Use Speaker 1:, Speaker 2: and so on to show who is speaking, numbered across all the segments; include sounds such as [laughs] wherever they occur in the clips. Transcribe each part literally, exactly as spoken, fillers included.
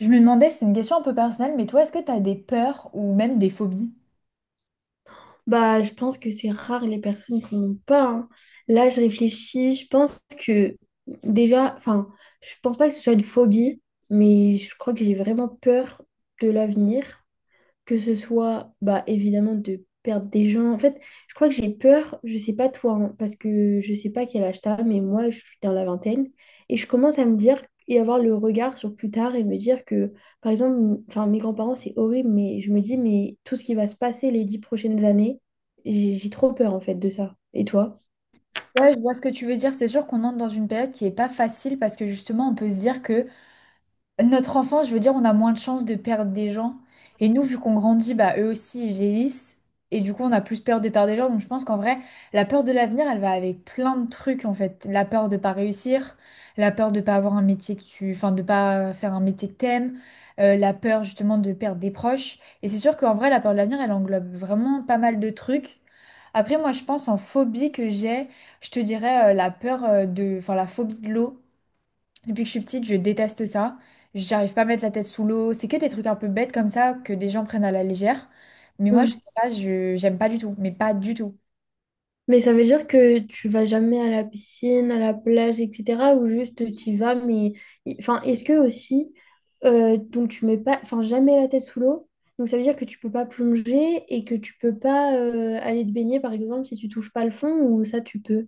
Speaker 1: Je me demandais, c'est une question un peu personnelle, mais toi, est-ce que tu as des peurs ou même des phobies?
Speaker 2: Bah, je pense que c'est rare les personnes qui n'en ont pas, hein. Là, je réfléchis, je pense que déjà, enfin, je pense pas que ce soit une phobie, mais je crois que j'ai vraiment peur de l'avenir, que ce soit bah, évidemment de perdre des gens. En fait, je crois que j'ai peur, je sais pas toi, hein, parce que je sais pas quel âge t'as, mais moi je suis dans la vingtaine et je commence à me dire et avoir le regard sur plus tard et me dire que, par exemple, m- enfin mes grands-parents c'est horrible, mais je me dis, mais tout ce qui va se passer les dix prochaines années, j'ai j'ai trop peur en fait de ça. Et toi?
Speaker 1: Ouais, je vois ce que tu veux dire. C'est sûr qu'on entre dans une période qui est pas facile parce que justement, on peut se dire que Notre enfance, je veux dire, on a moins de chances de perdre des gens. Et nous, vu qu'on grandit, bah, eux aussi, ils vieillissent. Et du coup, on a plus peur de perdre des gens. Donc, je pense qu'en vrai, la peur de l'avenir, elle va avec plein de trucs, en fait. La peur de pas réussir, la peur de pas avoir un métier que tu... Enfin, de pas faire un métier que t'aimes, euh, la peur, justement, de perdre des proches. Et c'est sûr qu'en vrai, la peur de l'avenir, elle englobe vraiment pas mal de trucs. Après, moi, je pense en phobie que j'ai, je te dirais euh, la peur euh, de... Enfin, la phobie de l'eau. Depuis que je suis petite, je déteste ça. J'arrive pas à mettre la tête sous l'eau. C'est que des trucs un peu bêtes comme ça que des gens prennent à la légère. Mais moi, je sais pas, je j'aime pas du tout. Mais pas du tout.
Speaker 2: Mais ça veut dire que tu vas jamais à la piscine, à la plage, et cetera. Ou juste tu y vas, mais y- enfin, est-ce que aussi, euh, donc tu mets pas, enfin, jamais la tête sous l'eau. Donc ça veut dire que tu peux pas plonger et que tu peux pas euh, aller te baigner, par exemple, si tu touches pas le fond, ou ça tu peux.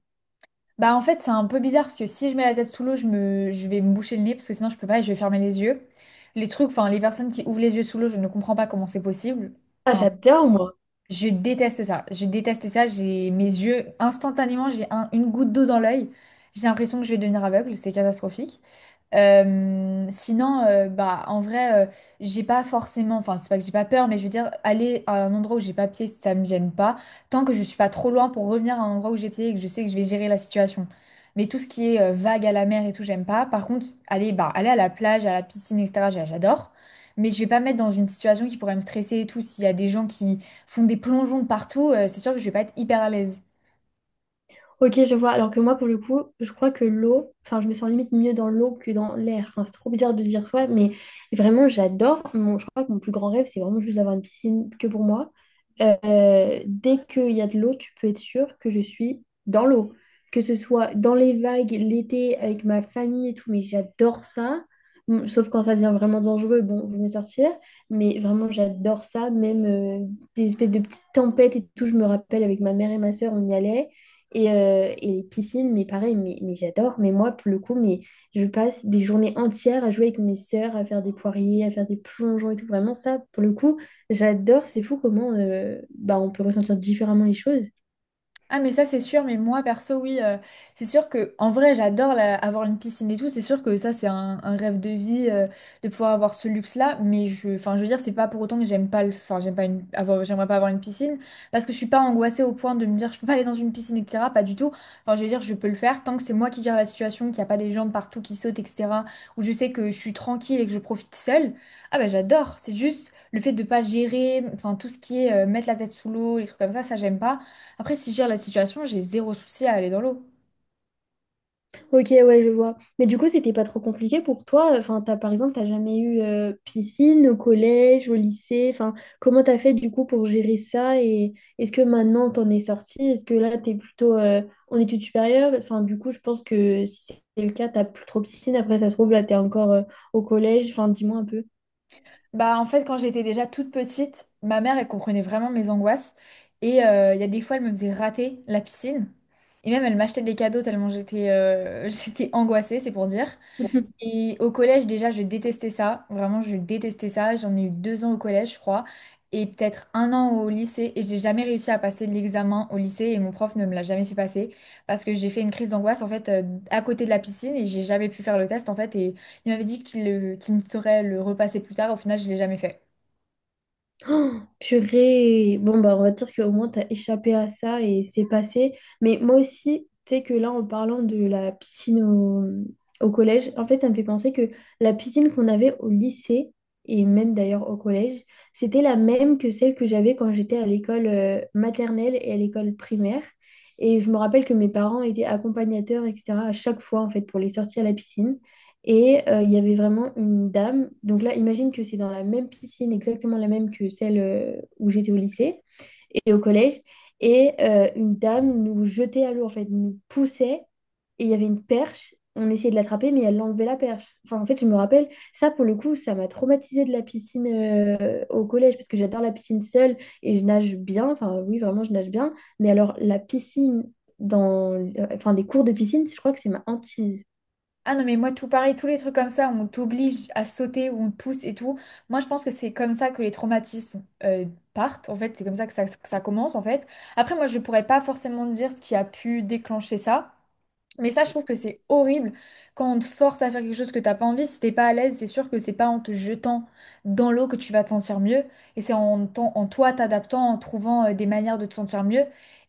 Speaker 1: Bah en fait, c'est un peu bizarre parce que si je mets la tête sous l'eau, je me, je vais me boucher le nez parce que sinon je peux pas et je vais fermer les yeux. Les trucs, enfin les personnes qui ouvrent les yeux sous l'eau, je ne comprends pas comment c'est possible.
Speaker 2: Ah,
Speaker 1: Enfin.
Speaker 2: j'adore, moi.
Speaker 1: Je déteste ça. Je déteste ça. J'ai mes yeux, instantanément, j'ai un- une goutte d'eau dans l'œil. J'ai l'impression que je vais devenir aveugle. C'est catastrophique. Euh, sinon, euh, bah, en vrai, euh, j'ai pas forcément, enfin, c'est pas que j'ai pas peur, mais je veux dire, aller à un endroit où j'ai pas pied, ça me gêne pas, tant que je suis pas trop loin pour revenir à un endroit où j'ai pied et que je sais que je vais gérer la situation. Mais tout ce qui est euh, vague à la mer et tout, j'aime pas. Par contre, aller, bah, aller à la plage, à la piscine, et cætera, j'a- j'adore. Mais je vais pas me mettre dans une situation qui pourrait me stresser et tout, s'il y a des gens qui font des plongeons partout, euh, c'est sûr que je vais pas être hyper à l'aise.
Speaker 2: Ok, je vois. Alors que moi, pour le coup, je crois que l'eau, enfin, je me sens limite mieux dans l'eau que dans l'air. Enfin, c'est trop bizarre de dire soi, mais vraiment, j'adore. Mon- je crois que mon plus grand rêve, c'est vraiment juste d'avoir une piscine que pour moi. Euh, dès qu'il y a de l'eau, tu peux être sûr que je suis dans l'eau. Que ce soit dans les vagues, l'été, avec ma famille et tout, mais j'adore ça. Bon, sauf quand ça devient vraiment dangereux, bon, je vais me sortir. Mais vraiment, j'adore ça. Même euh, des espèces de petites tempêtes et tout, je me rappelle avec ma mère et ma sœur, on y allait. Et, euh, et les piscines, mais pareil, mais, mais j'adore. Mais moi, pour le coup, mais je passe des journées entières à jouer avec mes sœurs, à faire des poiriers, à faire des plongeons et tout. Vraiment, ça, pour le coup, j'adore. C'est fou comment euh, bah, on peut ressentir différemment les choses.
Speaker 1: Ah mais ça c'est sûr, mais moi perso oui, euh, c'est sûr que en vrai j'adore la- avoir une piscine et tout, c'est sûr que ça c'est un, un rêve de vie euh, de pouvoir avoir ce luxe-là, mais je, enfin je veux dire c'est pas pour autant que j'aime pas le, enfin j'aime pas une, avoir, j'aimerais pas avoir une piscine parce que je suis pas angoissée au point de me dire je peux pas aller dans une piscine et cætera. Pas du tout. Enfin je veux dire je peux le faire tant que c'est moi qui gère la situation, qu'il y a pas des gens de partout qui sautent et cætera. Où je sais que je suis tranquille et que je profite seule. Ah bah j'adore. C'est juste le fait de pas gérer, enfin tout ce qui est euh, mettre la tête sous l'eau, les trucs comme ça, ça j'aime pas. Après, si je gère la situation, j'ai zéro souci à aller dans l'eau.
Speaker 2: Ok, ouais, je vois. Mais du coup, c'était pas trop compliqué pour toi. Enfin, t'as, par exemple, t'as jamais eu euh, piscine au collège, au lycée. Enfin, comment t'as fait du coup pour gérer ça? Et est-ce que maintenant t'en es sorti? Est-ce que là, t'es plutôt euh, en études supérieures? Enfin, du coup, je pense que si c'est le cas, t'as plus trop piscine. Après, ça se trouve, là, t'es encore euh, au collège. Enfin, dis-moi un peu.
Speaker 1: Bah, en fait, quand j'étais déjà toute petite, ma mère, elle comprenait vraiment mes angoisses. Et euh, il y a des fois, elle me faisait rater la piscine. Et même, elle m'achetait des cadeaux tellement j'étais euh, [laughs] j'étais angoissée, c'est pour dire.
Speaker 2: [laughs]
Speaker 1: Et au collège, déjà, je détestais ça. Vraiment, je détestais ça. J'en ai eu deux ans au collège, je crois, et peut-être un an au lycée. Et j'ai jamais réussi à passer l'examen au lycée. Et mon prof ne me l'a jamais fait passer parce que j'ai fait une crise d'angoisse, en fait, euh, à côté de la piscine. Et j'ai jamais pu faire le test, en fait. Et il m'avait dit qu'il le- qu'il me ferait le repasser plus tard. Au final, je l'ai jamais fait.
Speaker 2: Oh, purée. Bon, bah, on va dire qu'au moins, t'as échappé à ça et c'est passé. Mais moi aussi, tu sais que là, en parlant de la piscine au, au collège, en fait, ça me fait penser que la piscine qu'on avait au lycée, et même d'ailleurs au collège, c'était la même que celle que j'avais quand j'étais à l'école euh, maternelle et à l'école primaire. Et je me rappelle que mes parents étaient accompagnateurs, et cetera, à chaque fois, en fait, pour les sorties à la piscine. Et euh, il y avait vraiment une dame. Donc là, imagine que c'est dans la même piscine, exactement la même que celle euh, où j'étais au lycée et au collège. Et euh, une dame nous jetait à l'eau, en fait, nous poussait. Et il y avait une perche. On essayait de l'attraper, mais elle enlevait la perche. Enfin, en fait, je me rappelle, ça, pour le coup, ça m'a traumatisée de la piscine euh, au collège, parce que j'adore la piscine seule et je nage bien. Enfin, oui, vraiment, je nage bien. Mais alors, la piscine, dans... euh, enfin, des cours de piscine, je crois que c'est ma hantise.
Speaker 1: Ah non, mais moi, tout pareil, tous les trucs comme ça, on t'oblige à sauter ou on te pousse et tout. Moi, je pense que c'est comme ça que les traumatismes euh, partent. En fait, c'est comme ça que ça, que ça commence, en fait. Après, moi, je pourrais pas forcément dire ce qui a pu déclencher ça. Mais ça, je trouve que c'est horrible quand on te force à faire quelque chose que t'as pas envie. Si t'es pas à l'aise, c'est sûr que c'est pas en te jetant dans l'eau que tu vas te sentir mieux. Et c'est en, t'en- en toi t'adaptant, en trouvant euh, des manières de te sentir mieux.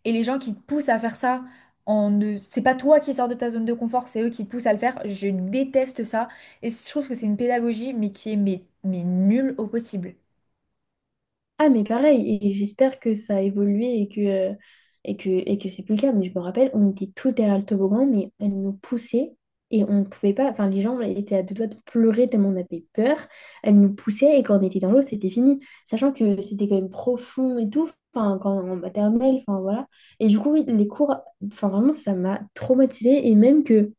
Speaker 1: Et les gens qui te poussent à faire ça, en ne... c'est pas toi qui sors de ta zone de confort, c'est eux qui te poussent à le faire. Je déteste ça. Et je trouve que c'est une pédagogie, mais qui est mais, mais nulle au possible.
Speaker 2: Ah, mais pareil, et j'espère que ça a évolué et que, euh, et que, et que c'est plus le cas. Mais je me rappelle, on était tous derrière le toboggan, mais elle nous poussait et on ne pouvait pas. Enfin, les gens étaient à deux doigts de pleurer tellement on avait peur. Elle nous poussait et quand on était dans l'eau, c'était fini. Sachant que c'était quand même profond et tout. Enfin, quand en maternelle, enfin voilà. Et du coup, oui, les cours, enfin vraiment, ça m'a traumatisée. Et même que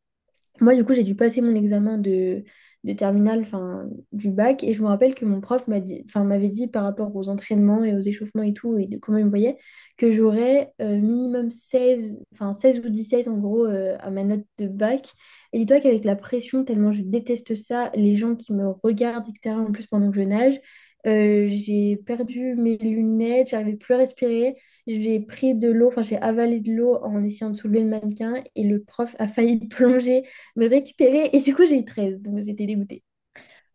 Speaker 2: moi, du coup, j'ai dû passer mon examen de, de terminale, enfin, du bac, et je me rappelle que mon prof m'a dit, enfin, m'avait dit par rapport aux entraînements et aux échauffements et tout, et de comment il me voyait, que j'aurais euh, minimum seize enfin, seize ou dix-sept en gros euh, à ma note de bac. Et dis-toi qu'avec la pression, tellement je déteste ça, les gens qui me regardent, et cetera, en plus pendant que je nage, euh, j'ai perdu mes lunettes, j'arrivais plus à respirer. J'ai pris de l'eau, enfin j'ai avalé de l'eau en essayant de soulever le mannequin et le prof a failli [laughs] plonger me récupérer. Et du coup, j'ai eu treize, donc j'étais dégoûtée.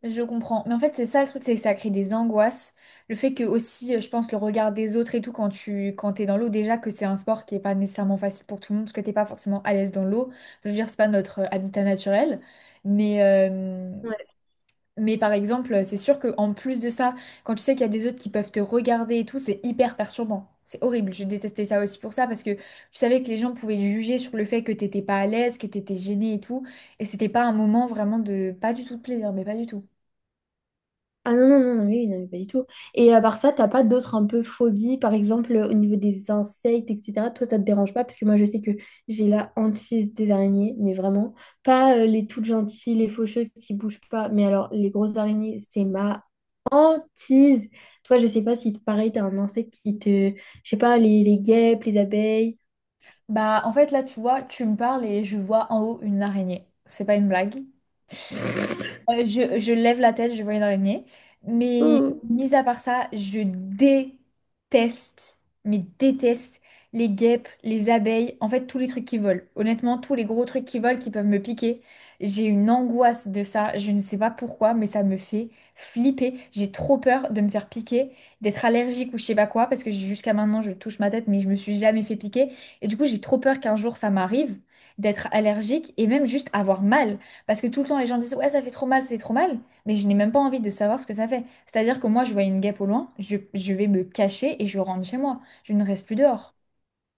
Speaker 1: Je comprends. Mais en fait, c'est ça le truc, c'est que ça crée des angoisses. Le fait que aussi, euh, je pense, le regard des autres et tout, quand tu quand t'es dans l'eau, déjà que c'est un sport qui est pas nécessairement facile pour tout le monde, parce que t'es pas forcément à l'aise dans l'eau. Je veux dire, c'est pas notre euh, habitat naturel. Mais, euh,
Speaker 2: Ouais.
Speaker 1: mais par exemple, euh, c'est sûr que en plus de ça, quand tu sais qu'il y a des autres qui peuvent te regarder et tout, c'est hyper perturbant. C'est horrible. Je détestais ça aussi pour ça, parce que je savais que les gens pouvaient juger sur le fait que t'étais pas à l'aise, que t'étais gêné et tout. Et c'était pas un moment vraiment de... Pas du tout de plaisir, mais pas du tout.
Speaker 2: Ah non, non, non, non, oui, non, mais pas du tout. Et à part ça, t'as pas d'autres un peu phobies, par exemple au niveau des insectes, et cetera. Toi, ça te dérange pas, parce que moi, je sais que j'ai la hantise des araignées, mais vraiment. Pas euh, les toutes gentilles, les faucheuses qui bougent pas, mais alors les grosses araignées, c'est ma hantise. Toi, je sais pas si pareil, t'as un insecte qui te. Je sais pas, les, les guêpes, les abeilles.
Speaker 1: Bah, en fait, là, tu vois, tu me parles et je vois en haut une araignée. C'est pas une blague. Euh, je, je lève la tête, je vois une araignée. Mais
Speaker 2: Oh,
Speaker 1: mis à part ça, je déteste, mais déteste les guêpes, les abeilles, en fait tous les trucs qui volent. Honnêtement, tous les gros trucs qui volent qui peuvent me piquer. J'ai une angoisse de ça, je ne sais pas pourquoi, mais ça me fait flipper. J'ai trop peur de me faire piquer, d'être allergique ou je sais pas quoi, parce que jusqu'à maintenant je touche ma tête, mais je me suis jamais fait piquer. Et du coup, j'ai trop peur qu'un jour ça m'arrive d'être allergique et même juste avoir mal. Parce que tout le temps, les gens disent, ouais, ça fait trop mal, c'est trop mal, mais je n'ai même pas envie de savoir ce que ça fait. C'est-à-dire que moi, je vois une guêpe au loin, je, je vais me cacher et je rentre chez moi. Je ne reste plus dehors.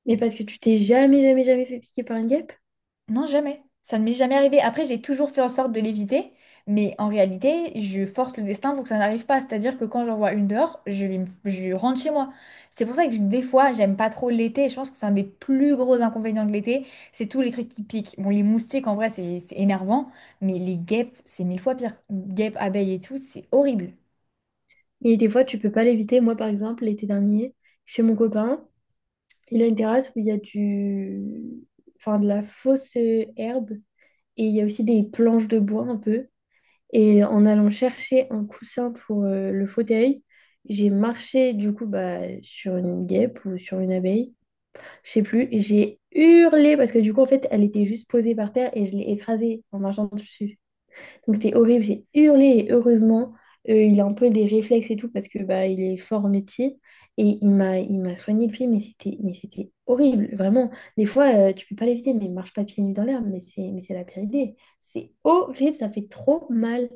Speaker 2: mais parce que tu t'es jamais, jamais, jamais fait piquer par une guêpe?
Speaker 1: Non, jamais. Ça ne m'est jamais arrivé. Après, j'ai toujours fait en sorte de l'éviter, mais en réalité, je force le destin pour que ça n'arrive pas. C'est-à-dire que quand j'en vois une dehors, je, vais me- je rentre chez moi. C'est pour ça que je- des fois, j'aime pas trop l'été. Je pense que c'est un des plus gros inconvénients de l'été. C'est tous les trucs qui piquent. Bon, les moustiques, en vrai, c'est c'est énervant, mais les guêpes, c'est mille fois pire. Guêpes, abeilles et tout, c'est horrible.
Speaker 2: Et des fois, tu peux pas l'éviter. Moi, par exemple, l'été dernier, chez mon copain, il a une terrasse où il y a du... enfin, de la fausse euh, herbe et il y a aussi des planches de bois un peu. Et en allant chercher un coussin pour euh, le fauteuil, j'ai marché du coup bah, sur une guêpe ou sur une abeille, je sais plus. Et j'ai hurlé parce que du coup, en fait, elle était juste posée par terre et je l'ai écrasée en marchant dessus. Donc c'était horrible, j'ai hurlé et heureusement, euh, il a un peu des réflexes et tout parce que bah, il est fort au métier et il m'a il m'a soigné le pied, mais c'était mais c'était horrible, vraiment. Des fois, euh, tu peux pas l'éviter, mais marche pas pieds nus dans l'herbe, mais c'est mais c'est la pire idée. C'est horrible, ça fait trop mal.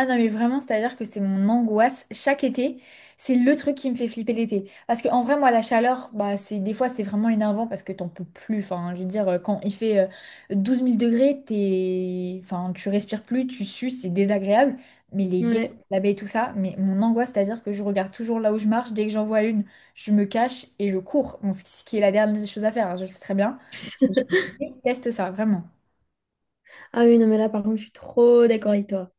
Speaker 1: Ah non, mais vraiment, c'est-à-dire que c'est mon angoisse. Chaque été, c'est le truc qui me fait flipper l'été. Parce qu'en vrai, moi, la chaleur, bah, c'est, des fois, c'est vraiment énervant parce que t'en peux plus. Enfin, je veux dire, euh, quand il fait euh, douze mille degrés, t'es... Enfin, tu respires plus, tu sues, c'est désagréable. Mais les guêpes,
Speaker 2: Ouais.
Speaker 1: la baie et tout ça, mais mon angoisse, c'est-à-dire que je regarde toujours là où je marche. Dès que j'en vois une, je me cache et je cours. Bon, ce qui ce qui est la dernière chose à faire, hein, je le sais très bien. Mais je
Speaker 2: [laughs]
Speaker 1: déteste ça, vraiment.
Speaker 2: Ah oui, non, mais là, par contre, je suis trop d'accord avec toi.